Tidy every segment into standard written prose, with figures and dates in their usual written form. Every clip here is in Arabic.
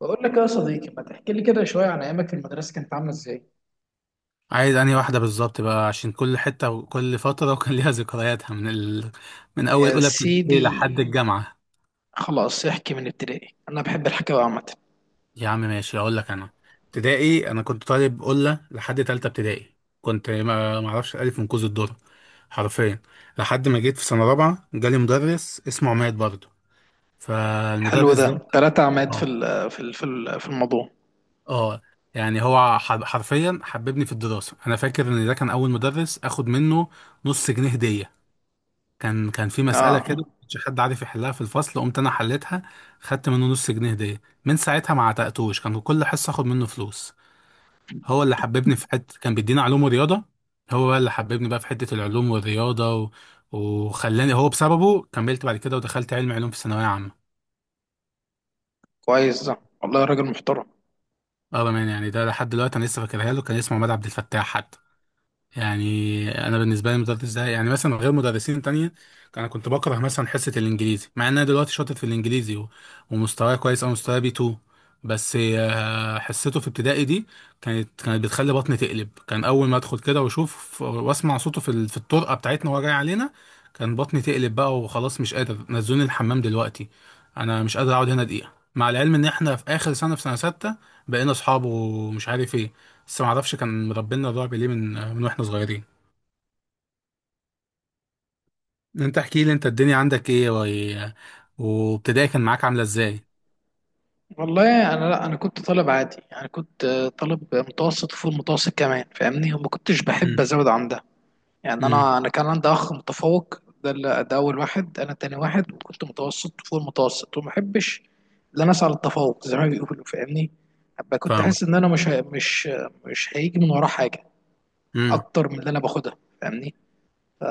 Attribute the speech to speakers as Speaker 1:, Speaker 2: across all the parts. Speaker 1: بقول لك يا صديقي، ما تحكي لي كده شوية عن أيامك في المدرسة، كانت عاملة إزاي؟
Speaker 2: عايز انهي واحدة بالظبط بقى، عشان كل حتة وكل فترة وكان ليها ذكرياتها من أول
Speaker 1: يا
Speaker 2: أولى ابتدائي
Speaker 1: سيدي،
Speaker 2: لحد الجامعة.
Speaker 1: خلاص احكي من ابتدائي، أنا بحب الحكاية عامة.
Speaker 2: يا عم ماشي، أقول لك أنا. ابتدائي أنا كنت طالب قلة لحد تالتة ابتدائي، كنت ما أعرفش الألف من كوز الذرة حرفيا. لحد ما جيت في سنة رابعة جالي مدرس اسمه عماد برضه.
Speaker 1: حلو
Speaker 2: فالمدرس
Speaker 1: ده،
Speaker 2: ده،
Speaker 1: تلاتة عماد
Speaker 2: اه،
Speaker 1: في الموضوع.
Speaker 2: اه، يعني هو حرفيا حببني في الدراسة. أنا فاكر إن ده كان أول مدرس آخد منه نص جنيه هدية. كان في مسألة كده
Speaker 1: آه،
Speaker 2: ما كانش حد عارف يحلها في الفصل، قمت أنا حليتها. خدت منه نص جنيه هدية. من ساعتها ما عتقتوش، كان كل حصة آخد منه فلوس. هو اللي حببني في حتة، كان بيدينا علوم ورياضة. هو بقى اللي حببني بقى في حتة العلوم والرياضة وخلاني، هو بسببه كملت بعد كده ودخلت علم علوم في ثانوية عامة.
Speaker 1: كويس ده. والله راجل محترم.
Speaker 2: اه بأمانة يعني، ده لحد دلوقتي أنا لسه فاكرها له. كان اسمه عماد عبد الفتاح حتى، يعني. انا بالنسبه لي المدرس ده يعني مثلا غير مدرسين تانية. انا كنت بكره مثلا حصه الانجليزي، مع ان انا دلوقتي شاطر في الانجليزي ومستواي كويس، او مستواي بي 2. بس حصته في ابتدائي دي كانت بتخلي بطني تقلب. كان اول ما ادخل كده واشوف واسمع صوته في الطرقه بتاعتنا وهو جاي علينا، كان بطني تقلب بقى وخلاص. مش قادر، نزلوني الحمام دلوقتي، انا مش قادر اقعد هنا دقيقه. مع العلم ان احنا في اخر سنه، في سنه سته. بقينا اصحاب ومش عارف ايه. بس ما اعرفش كان مربينا الرعب ليه من واحنا صغيرين. انت احكي لي انت الدنيا عندك ايه وابتدائي كان معاك عامله ازاي؟
Speaker 1: والله، أنا لا، أنا كنت طالب عادي، يعني كنت طالب متوسط وفوق المتوسط كمان، فاهمني، وما كنتش بحب
Speaker 2: امم.
Speaker 1: أزود عن ده. يعني
Speaker 2: امم.
Speaker 1: انا كان عندي اخ متفوق. ده اول واحد، انا تاني واحد، وكنت متوسط فوق المتوسط، وما احبش ان انا اسعى للتفوق زي ما بيقولوا، فاهمني. ابقى كنت حاسس
Speaker 2: فاهمك.
Speaker 1: ان انا مش هي- مش مش هيجي من وراه حاجه
Speaker 2: امم.
Speaker 1: اكتر من اللي انا باخدها، فاهمني.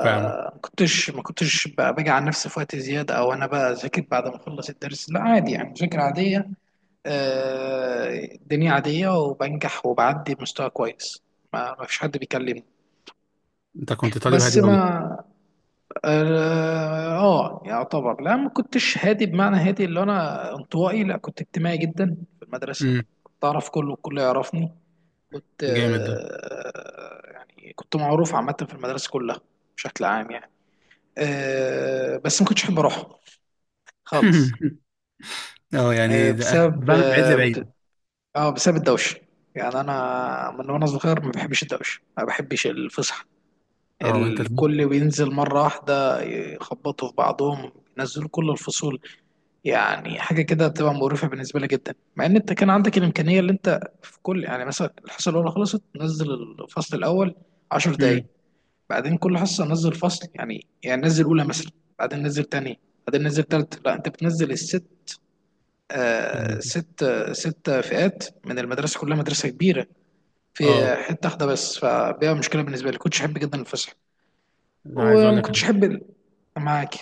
Speaker 2: فاهمك.
Speaker 1: كنتش ما كنتش بقى باجي على نفسي في وقت زياده، او انا بقى اذاكر بعد ما اخلص الدرس. لا، عادي يعني، مذاكره عاديه. الدنيا عاديه، وبنجح وبعدي بمستوى كويس. ما فيش حد بيكلمني.
Speaker 2: انت كنت طالب
Speaker 1: بس
Speaker 2: هادي قوي.
Speaker 1: ما... يعتبر. لا، ما كنتش هادي بمعنى هادي اللي انا انطوائي، لا، كنت اجتماعي جدا في المدرسه.
Speaker 2: امم.
Speaker 1: كنت اعرف كله والكل يعرفني. كنت
Speaker 2: جامد ده.
Speaker 1: يعني كنت معروف عامه في المدرسه كلها، بشكل عام يعني. بس ما كنتش احب اروحها خالص.
Speaker 2: اه،
Speaker 1: آه،
Speaker 2: يعني ده أنا كنت
Speaker 1: بسبب
Speaker 2: بعمل بعيد
Speaker 1: اه ب-
Speaker 2: لبعيد.
Speaker 1: آه، بسبب الدوشه. يعني انا من وانا صغير ما بحبش الدوشه، ما بحبش الفسح.
Speaker 2: اه، وانت تلف.
Speaker 1: الكل بينزل مره واحده يخبطوا في بعضهم، ينزلوا كل الفصول. يعني حاجه كده بتبقى مقرفه بالنسبه لي جدا، مع ان انت كان عندك الامكانيه اللي انت في كل، يعني مثلا الحصه الاولى خلصت نزل الفصل الاول 10 دقائق،
Speaker 2: امم.
Speaker 1: بعدين كل حصه نزل فصل، يعني نزل اولى مثلا، بعدين نزل تاني، بعدين نزل تالت. لا، انت بتنزل الست. ست فئات من المدرسه كلها، مدرسه كبيره في
Speaker 2: اه
Speaker 1: حته واحده بس، فبيبقى مشكله بالنسبه لي، كنتش احب جدا الفسح.
Speaker 2: لا، عايز اقول
Speaker 1: وما
Speaker 2: لك.
Speaker 1: كنتش احب معاك،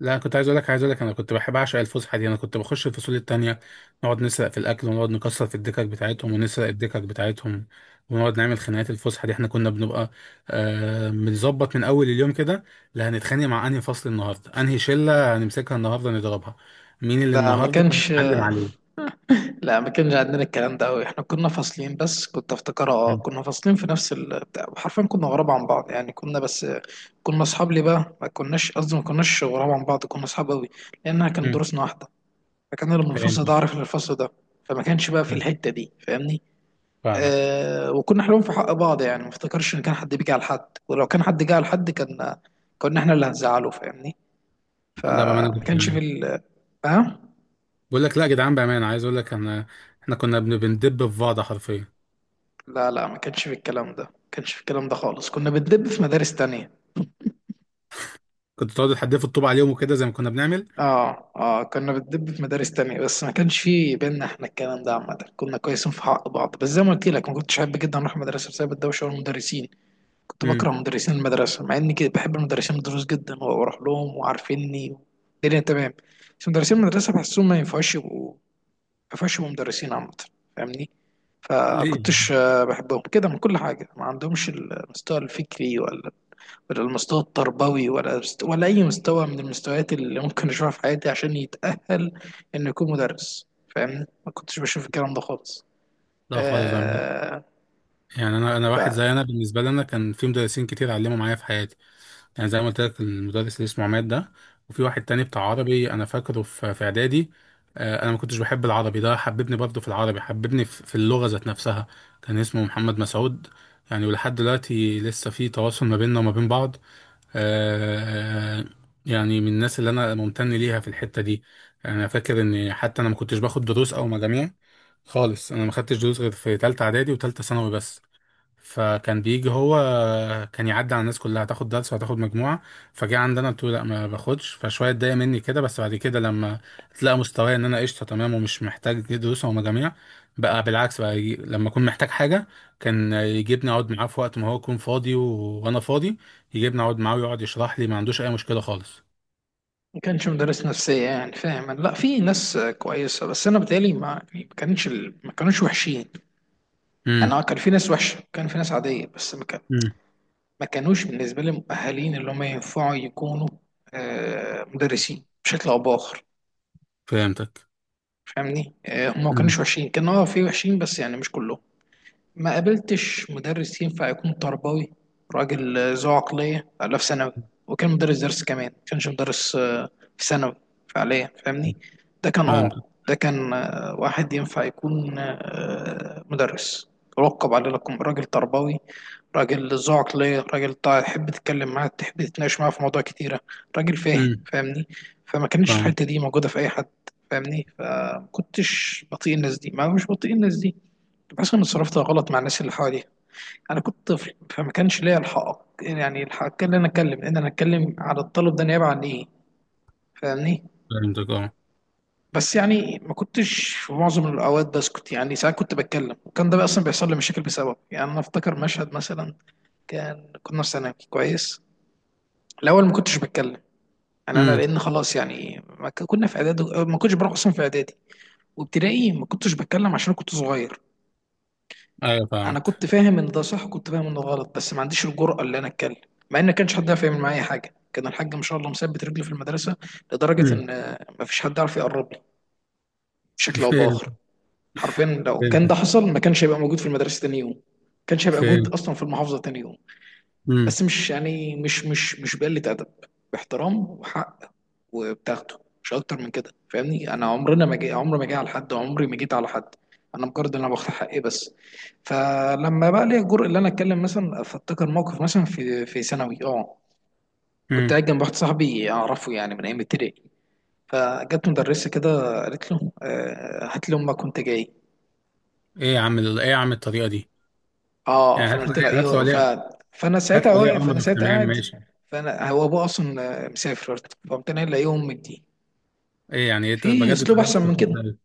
Speaker 2: لا، كنت عايز اقول لك انا كنت بحب اعشق الفسحه دي، انا كنت بخش الفصول التانية، نقعد نسرق في الاكل ونقعد نكسر في الدكك بتاعتهم ونسرق الدكك بتاعتهم ونقعد نعمل خناقات. الفسحه دي احنا كنا بنبقى بنظبط من اول اليوم كده: لا هنتخانق مع انهي فصل النهارده، انهي شله هنمسكها النهارده نضربها، مين اللي
Speaker 1: ده ما
Speaker 2: النهارده
Speaker 1: كانش.
Speaker 2: هنتعلم عليه.
Speaker 1: لا، ما كانش عندنا الكلام ده قوي، احنا كنا فاصلين، بس كنت افتكرها، اه
Speaker 2: مم.
Speaker 1: كنا فاصلين في نفس بتاع، حرفيا كنا غراب عن بعض يعني، كنا بس... كنا اصحاب ليه بقى، ما كناش قصدي، ما كناش غراب عن بعض، كنا اصحاب قوي، لانها كانت
Speaker 2: مم.
Speaker 1: دروسنا واحده. فكان اللي من
Speaker 2: فهمت.
Speaker 1: الفصل ده عارف اللي من الفصل ده، فما كانش بقى في
Speaker 2: مم.
Speaker 1: الحته دي، فاهمني.
Speaker 2: فاهمك.
Speaker 1: وكنا حلوين في حق بعض، يعني ما افتكرش ان كان حد بيجي على حد، ولو كان حد جه على حد كان كنا احنا اللي هنزعله، فاهمني.
Speaker 2: لا بامانه
Speaker 1: فما كانش في
Speaker 2: جدعان،
Speaker 1: ال... ها.
Speaker 2: بقول لك لا يا جدعان، بامانه عايز اقول لك انا، احنا كنا بندب في بعض حرفيا.
Speaker 1: لا، لا، ما كانش في الكلام ده، ما كانش في الكلام ده خالص، كنا بندب في مدارس تانية.
Speaker 2: كنت تقعد تحدفوا الطوب عليهم وكده زي ما كنا بنعمل.
Speaker 1: اه كنا بندب في مدارس تانية، بس ما كانش في بينا احنا الكلام ده، عامة كنا كويسين في حق بعض، بس زي ما قلت لك، ما كنتش احب جدا اروح المدرسة بسبب الدوشة والمدرسين. كنت بكره مدرسين المدرسة، مع اني كده بحب المدرسين الدروس جدا، واروح لهم وعارفيني، الدنيا تمام. بس مدرسين المدرسة بحسهم ما ينفعش يبقوا، ما ينفعش يبقوا مدرسين عامة، فاهمني.
Speaker 2: ليه
Speaker 1: فكنتش
Speaker 2: يعني؟
Speaker 1: بحبهم كده من كل حاجة، ما عندهمش المستوى الفكري، ولا ولا المستوى التربوي، ولا ولا اي مستوى من المستويات اللي ممكن اشوفها في حياتي عشان يتأهل انه يكون مدرس، فاهمني. ما كنتش بشوف الكلام ده خالص.
Speaker 2: لا خالص يعني.
Speaker 1: آه.
Speaker 2: يعني انا واحد،
Speaker 1: ما
Speaker 2: زي انا بالنسبه لي، انا كان في مدرسين كتير علموا معايا في حياتي. يعني زي ما قلت لك، المدرس اللي اسمه عماد ده، وفي واحد تاني بتاع عربي انا فاكره في اعدادي. انا ما كنتش بحب العربي. ده حببني برضه في العربي، حببني في اللغه ذات نفسها. كان اسمه محمد مسعود. يعني ولحد دلوقتي لسه في تواصل ما بيننا وما بين بعض. آه، يعني من الناس اللي انا ممتن ليها في الحته دي. يعني انا فاكر ان حتى انا ما كنتش باخد دروس او مجاميع خالص. انا ما خدتش دروس غير في تالتة اعدادي وتالتة ثانوي بس. فكان بيجي هو، كان يعدي على الناس كلها: هتاخد درس وهتاخد مجموعة. فجه عندنا قلت له لا ما باخدش، فشوية اتضايق مني كده. بس بعد كده لما تلاقى مستواي ان انا قشطة تمام ومش محتاج دروس او مجاميع، بقى بالعكس بقى يجي، لما اكون محتاج حاجة كان يجيبني اقعد معاه في وقت ما هو يكون فاضي وانا فاضي. يجيبني اقعد معاه ويقعد يشرح لي، ما عندوش اي مشكلة خالص.
Speaker 1: كانش مدرس نفسية، يعني فاهم. لا، في ناس كويسة، بس انا بتهيألي ما... يعني ما كانش ال- ما كانوش وحشين، يعني
Speaker 2: امم.
Speaker 1: كان في ناس وحشة، كان في ناس عادية، بس ما كان
Speaker 2: امم.
Speaker 1: ما كانوش بالنسبة لي مؤهلين اللي هم ينفعوا يكونوا مدرسين بشكل او باخر،
Speaker 2: فهمتك.
Speaker 1: فاهمني. هم ما
Speaker 2: امم.
Speaker 1: كانوش وحشين، كانوا في وحشين بس يعني مش كلهم. ما قابلتش مدرس ينفع يكون تربوي، راجل ذو عقلية. لا، في ثانوي، وكان مدرس درس كمان، ما كانش مدرس في ثانوي فعليا، فاهمني.
Speaker 2: فهمتك.
Speaker 1: ده كان واحد ينفع يكون مدرس، رقب على لكم، راجل تربوي، راجل ذو عقلية، راجل تحب تتكلم معاه، تحب تتناقش معاه في مواضيع كتيرة، راجل فاهم،
Speaker 2: امم.
Speaker 1: فاهمني. فما كانتش
Speaker 2: فهمتك.
Speaker 1: الحتة دي موجودة في أي حد، فاهمني. فما كنتش بطيء الناس دي، ما مش بطيء الناس دي، بحس اني اتصرفت غلط مع الناس اللي حواليا. انا كنت طفل، فما كانش ليا الحق، يعني الحق ان انا اتكلم، ان انا اتكلم على الطلب ده نيابه عن ايه، فاهمني.
Speaker 2: فهمتك اه.
Speaker 1: بس يعني ما كنتش في معظم الاوقات بسكت، يعني ساعات كنت بتكلم، وكان ده بقى اصلا بيحصل لي مشاكل بسبب، يعني انا افتكر مشهد مثلا، كنا في ثانوي كويس. الاول ما كنتش بتكلم، يعني انا
Speaker 2: مم.
Speaker 1: لان خلاص، يعني ما ك- كنا في اعدادي، ما كنتش بروح اصلا في اعدادي، وابتدائي ما كنتش بتكلم عشان كنت صغير.
Speaker 2: ايوه
Speaker 1: انا
Speaker 2: فاهمك.
Speaker 1: كنت فاهم ان ده صح وكنت فاهم ان ده غلط، بس ما عنديش الجرأة اللي انا اتكلم، مع ان ما كانش حد يعرف يعمل معايا حاجه، كان الحاج ما شاء الله مثبت رجله في المدرسه، لدرجه
Speaker 2: امم.
Speaker 1: ان ما فيش حد عارف يقرب لي بشكل او
Speaker 2: فهمت.
Speaker 1: باخر. حرفيا لو كان ده
Speaker 2: فهمت.
Speaker 1: حصل، ما كانش هيبقى موجود في المدرسه تاني يوم، ما كانش هيبقى موجود
Speaker 2: فهمت.
Speaker 1: اصلا في المحافظه تاني يوم.
Speaker 2: امم.
Speaker 1: بس مش يعني، مش بقلة أدب، باحترام وحق، وبتاخده مش أكتر من كده، فاهمني. أنا عمرنا ما جي، عمري ما جي على حد، عمري ما جيت على حد، أنا مجرد إن أنا باخد حقي بس. فلما بقى لي الجرء اللي أنا أتكلم مثلا، فأفتكر موقف مثلا في ثانوي كنت
Speaker 2: امم.
Speaker 1: قاعد جنب واحد صاحبي أعرفه يعني من أيام ابتدائي، فجت مدرسة كده قالت له هات لي أمك وأنت جاي.
Speaker 2: ايه يا عم الطريقه دي؟
Speaker 1: اه
Speaker 2: يعني
Speaker 1: فانا قلت له ايوه، ف... فانا
Speaker 2: هات لي
Speaker 1: ساعتها
Speaker 2: ولي
Speaker 1: واقف، فانا
Speaker 2: امرك،
Speaker 1: ساعتها
Speaker 2: تمام ماشي.
Speaker 1: قاعد، فانا هو ابوه اصلا مسافر، فقمت انا قايل يوم امك دي،
Speaker 2: ايه يعني، إيه
Speaker 1: في
Speaker 2: بجد
Speaker 1: اسلوب
Speaker 2: طريقه
Speaker 1: احسن من
Speaker 2: مستفزه
Speaker 1: كده؟
Speaker 2: أوي.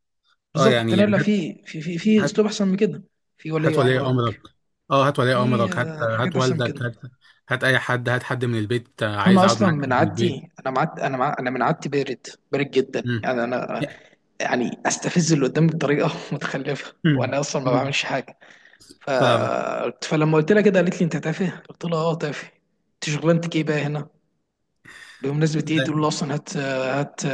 Speaker 2: اه
Speaker 1: بالظبط، قمت
Speaker 2: يعني
Speaker 1: انا
Speaker 2: يعني
Speaker 1: قايل
Speaker 2: هات،
Speaker 1: في
Speaker 2: هات.
Speaker 1: اسلوب احسن من كده، في
Speaker 2: هات
Speaker 1: ولي
Speaker 2: ولي امرك.
Speaker 1: امرك،
Speaker 2: اه هات ولي
Speaker 1: في
Speaker 2: امرك، هات.
Speaker 1: حاجات
Speaker 2: هات
Speaker 1: احسن من
Speaker 2: والدك،
Speaker 1: كده.
Speaker 2: هات. هات اي حد، هات حد من البيت، عايز
Speaker 1: فانا
Speaker 2: اقعد
Speaker 1: اصلا
Speaker 2: معاك
Speaker 1: من
Speaker 2: من البيت.
Speaker 1: عادتي، انا معد، انا مع... انا من عادتي بارد، بارد جدا،
Speaker 2: امم.
Speaker 1: يعني انا يعني استفز اللي قدامي بطريقه متخلفه،
Speaker 2: امم.
Speaker 1: وانا اصلا ما
Speaker 2: أمم.
Speaker 1: بعملش حاجه. ف...
Speaker 2: فاهمك.
Speaker 1: فلما قلت لها كده، قالت لي انت تافه. قلت لها تافه؟ انت شغلانتك ايه بقى هنا؟ بمناسبة ايه تقول له اصلا هات هات،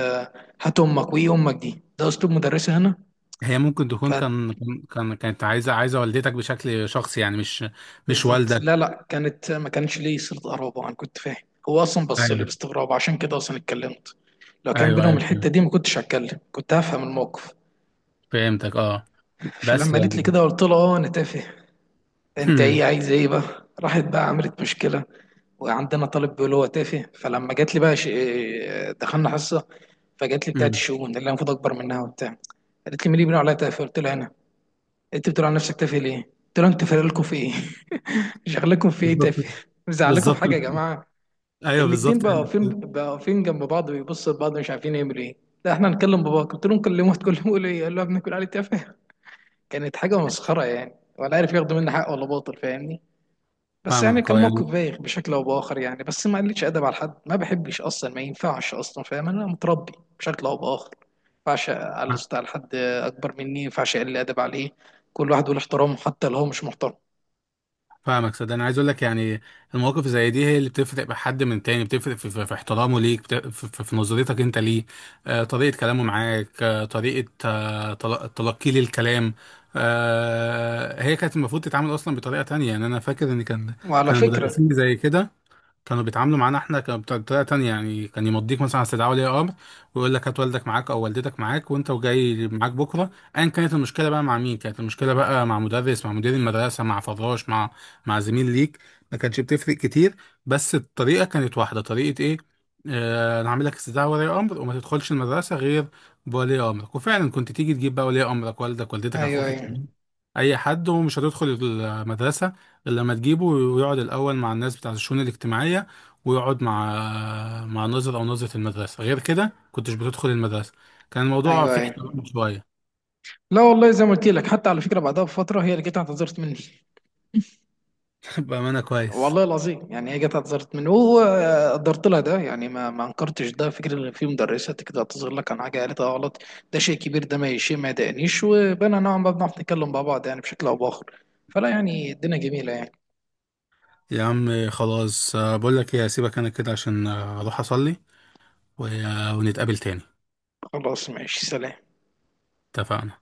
Speaker 1: هات امك وايه امك دي، ده اسلوب مدرسة هنا؟
Speaker 2: هي ممكن
Speaker 1: ف...
Speaker 2: تكون كانت عايزه، عايزه والدتك بشكل شخصي يعني، مش
Speaker 1: بالظبط،
Speaker 2: والدك.
Speaker 1: لا، لا، كانت ما كانش ليه صلة قرابة، انا كنت فاهم. هو اصلا بص لي
Speaker 2: ايوه.
Speaker 1: باستغراب، عشان كده اصلا اتكلمت. لو كان
Speaker 2: ايوه.
Speaker 1: بينهم
Speaker 2: ايوه
Speaker 1: الحتة دي، ما كنتش هتكلم، كنت هفهم الموقف.
Speaker 2: فهمتك اه. بس
Speaker 1: فلما قالت لي
Speaker 2: يعني.
Speaker 1: كده، قلت لها اه انا تافه، انت
Speaker 2: مم.
Speaker 1: ايه، عايز ايه بقى؟ راحت بقى عملت مشكلة، وعندنا طالب بيقول هو تافه. فلما جات لي بقى ش... دخلنا حصة، فجات لي بتاعت
Speaker 2: مم.
Speaker 1: الشؤون اللي انا المفروض اكبر منها وبتاع، قالت لي مين اللي بيقول عليا تافه؟ قلت لها انا. انت بتقول عن نفسك تافه ليه؟ قلت له انت فارق لكم في ايه؟ شغلكم في ايه
Speaker 2: بالظبط.
Speaker 1: تافه؟ مزعلكم في
Speaker 2: بالظبط.
Speaker 1: حاجه يا جماعه؟
Speaker 2: ايوه
Speaker 1: الاتنين
Speaker 2: بالظبط
Speaker 1: بقى واقفين،
Speaker 2: يعني.
Speaker 1: بقى واقفين جنب بعض، بيبصوا لبعض مش عارفين يعملوا ايه. لا احنا هنكلم باباك، قلت لهم كلموه، تكلموا له ايه؟ قال له يا ابني كل عليه تافه؟ كانت حاجه مسخره يعني، ولا عارف ياخدوا مني حق ولا باطل، فاهمني؟ بس يعني
Speaker 2: فاهمك
Speaker 1: كان
Speaker 2: اه
Speaker 1: موقف
Speaker 2: يعني.
Speaker 1: بايخ بشكل او باخر يعني، بس ما قلتش ادب على حد، ما بحبش اصلا، ما ينفعش اصلا، فاهم انا متربي بشكل او باخر، ما ينفعش على حد اكبر مني، ما ينفعش اقل ادب عليه، كل واحد له احترامه حتى لو هو مش محترم.
Speaker 2: فاهمك، صدق انا عايز اقول لك يعني، المواقف زي دي هي اللي بتفرق بحد من تاني، بتفرق في احترامه ليك، في نظرتك انت ليه. طريقه كلامه معاك، طريقه تلقيه للكلام. هي كانت المفروض تتعامل اصلا بطريقه تانية. يعني انا فاكر ان كان
Speaker 1: وعلى
Speaker 2: كان
Speaker 1: فكره،
Speaker 2: المدرسين زي كده كانوا بيتعاملوا معانا احنا كان بطريقه تانية. يعني كان يمضيك مثلا على استدعاء ولي امر، ويقول لك هات والدك معاك او والدتك معاك وانت وجاي معاك بكره. ايا كانت المشكله بقى، مع مين كانت المشكله بقى: مع مدرس، مع مدير المدرسه، مع فراش، مع زميل ليك، ما كانتش بتفرق كتير. بس الطريقه كانت واحده، طريقه ايه: انا هعمل لك استدعاء ولي امر وما تدخلش المدرسه غير بولي امرك. وفعلا كنت تيجي تجيب بقى ولي امرك، والدك، والدتك،
Speaker 1: ايوه،
Speaker 2: اخوك
Speaker 1: ايوه،
Speaker 2: الكبير، اي حد، ومش هتدخل المدرسه لما تجيبه، ويقعد الأول مع الناس بتاعة الشؤون الاجتماعية ويقعد مع ناظر أو ناظرة المدرسة. غير كده كنتش بتدخل المدرسة. كان الموضوع
Speaker 1: ايوه،
Speaker 2: فيه
Speaker 1: ايوه.
Speaker 2: احترام شوية.
Speaker 1: لا والله، زي ما قلت لك، حتى على فكره بعدها بفتره هي اللي جت اعتذرت مني.
Speaker 2: بأمانة كويس.
Speaker 1: والله العظيم يعني، هي جت اعتذرت مني، وقدرت لها ده، يعني ما انكرتش ده، فكره ان في مدرسه كده تعتذر لك عن حاجه قالتها غلط، ده شيء كبير. ده ما شيء ما يضايقنيش، وبقينا نوعا ما بنعرف نتكلم مع بعض يعني بشكل او باخر، فلا، يعني الدنيا جميله يعني.
Speaker 2: يا عم خلاص، بقول لك ايه، هسيبك انا كده عشان اروح اصلي ونتقابل تاني.
Speaker 1: خلاص، ماشي، سلام.
Speaker 2: اتفقنا.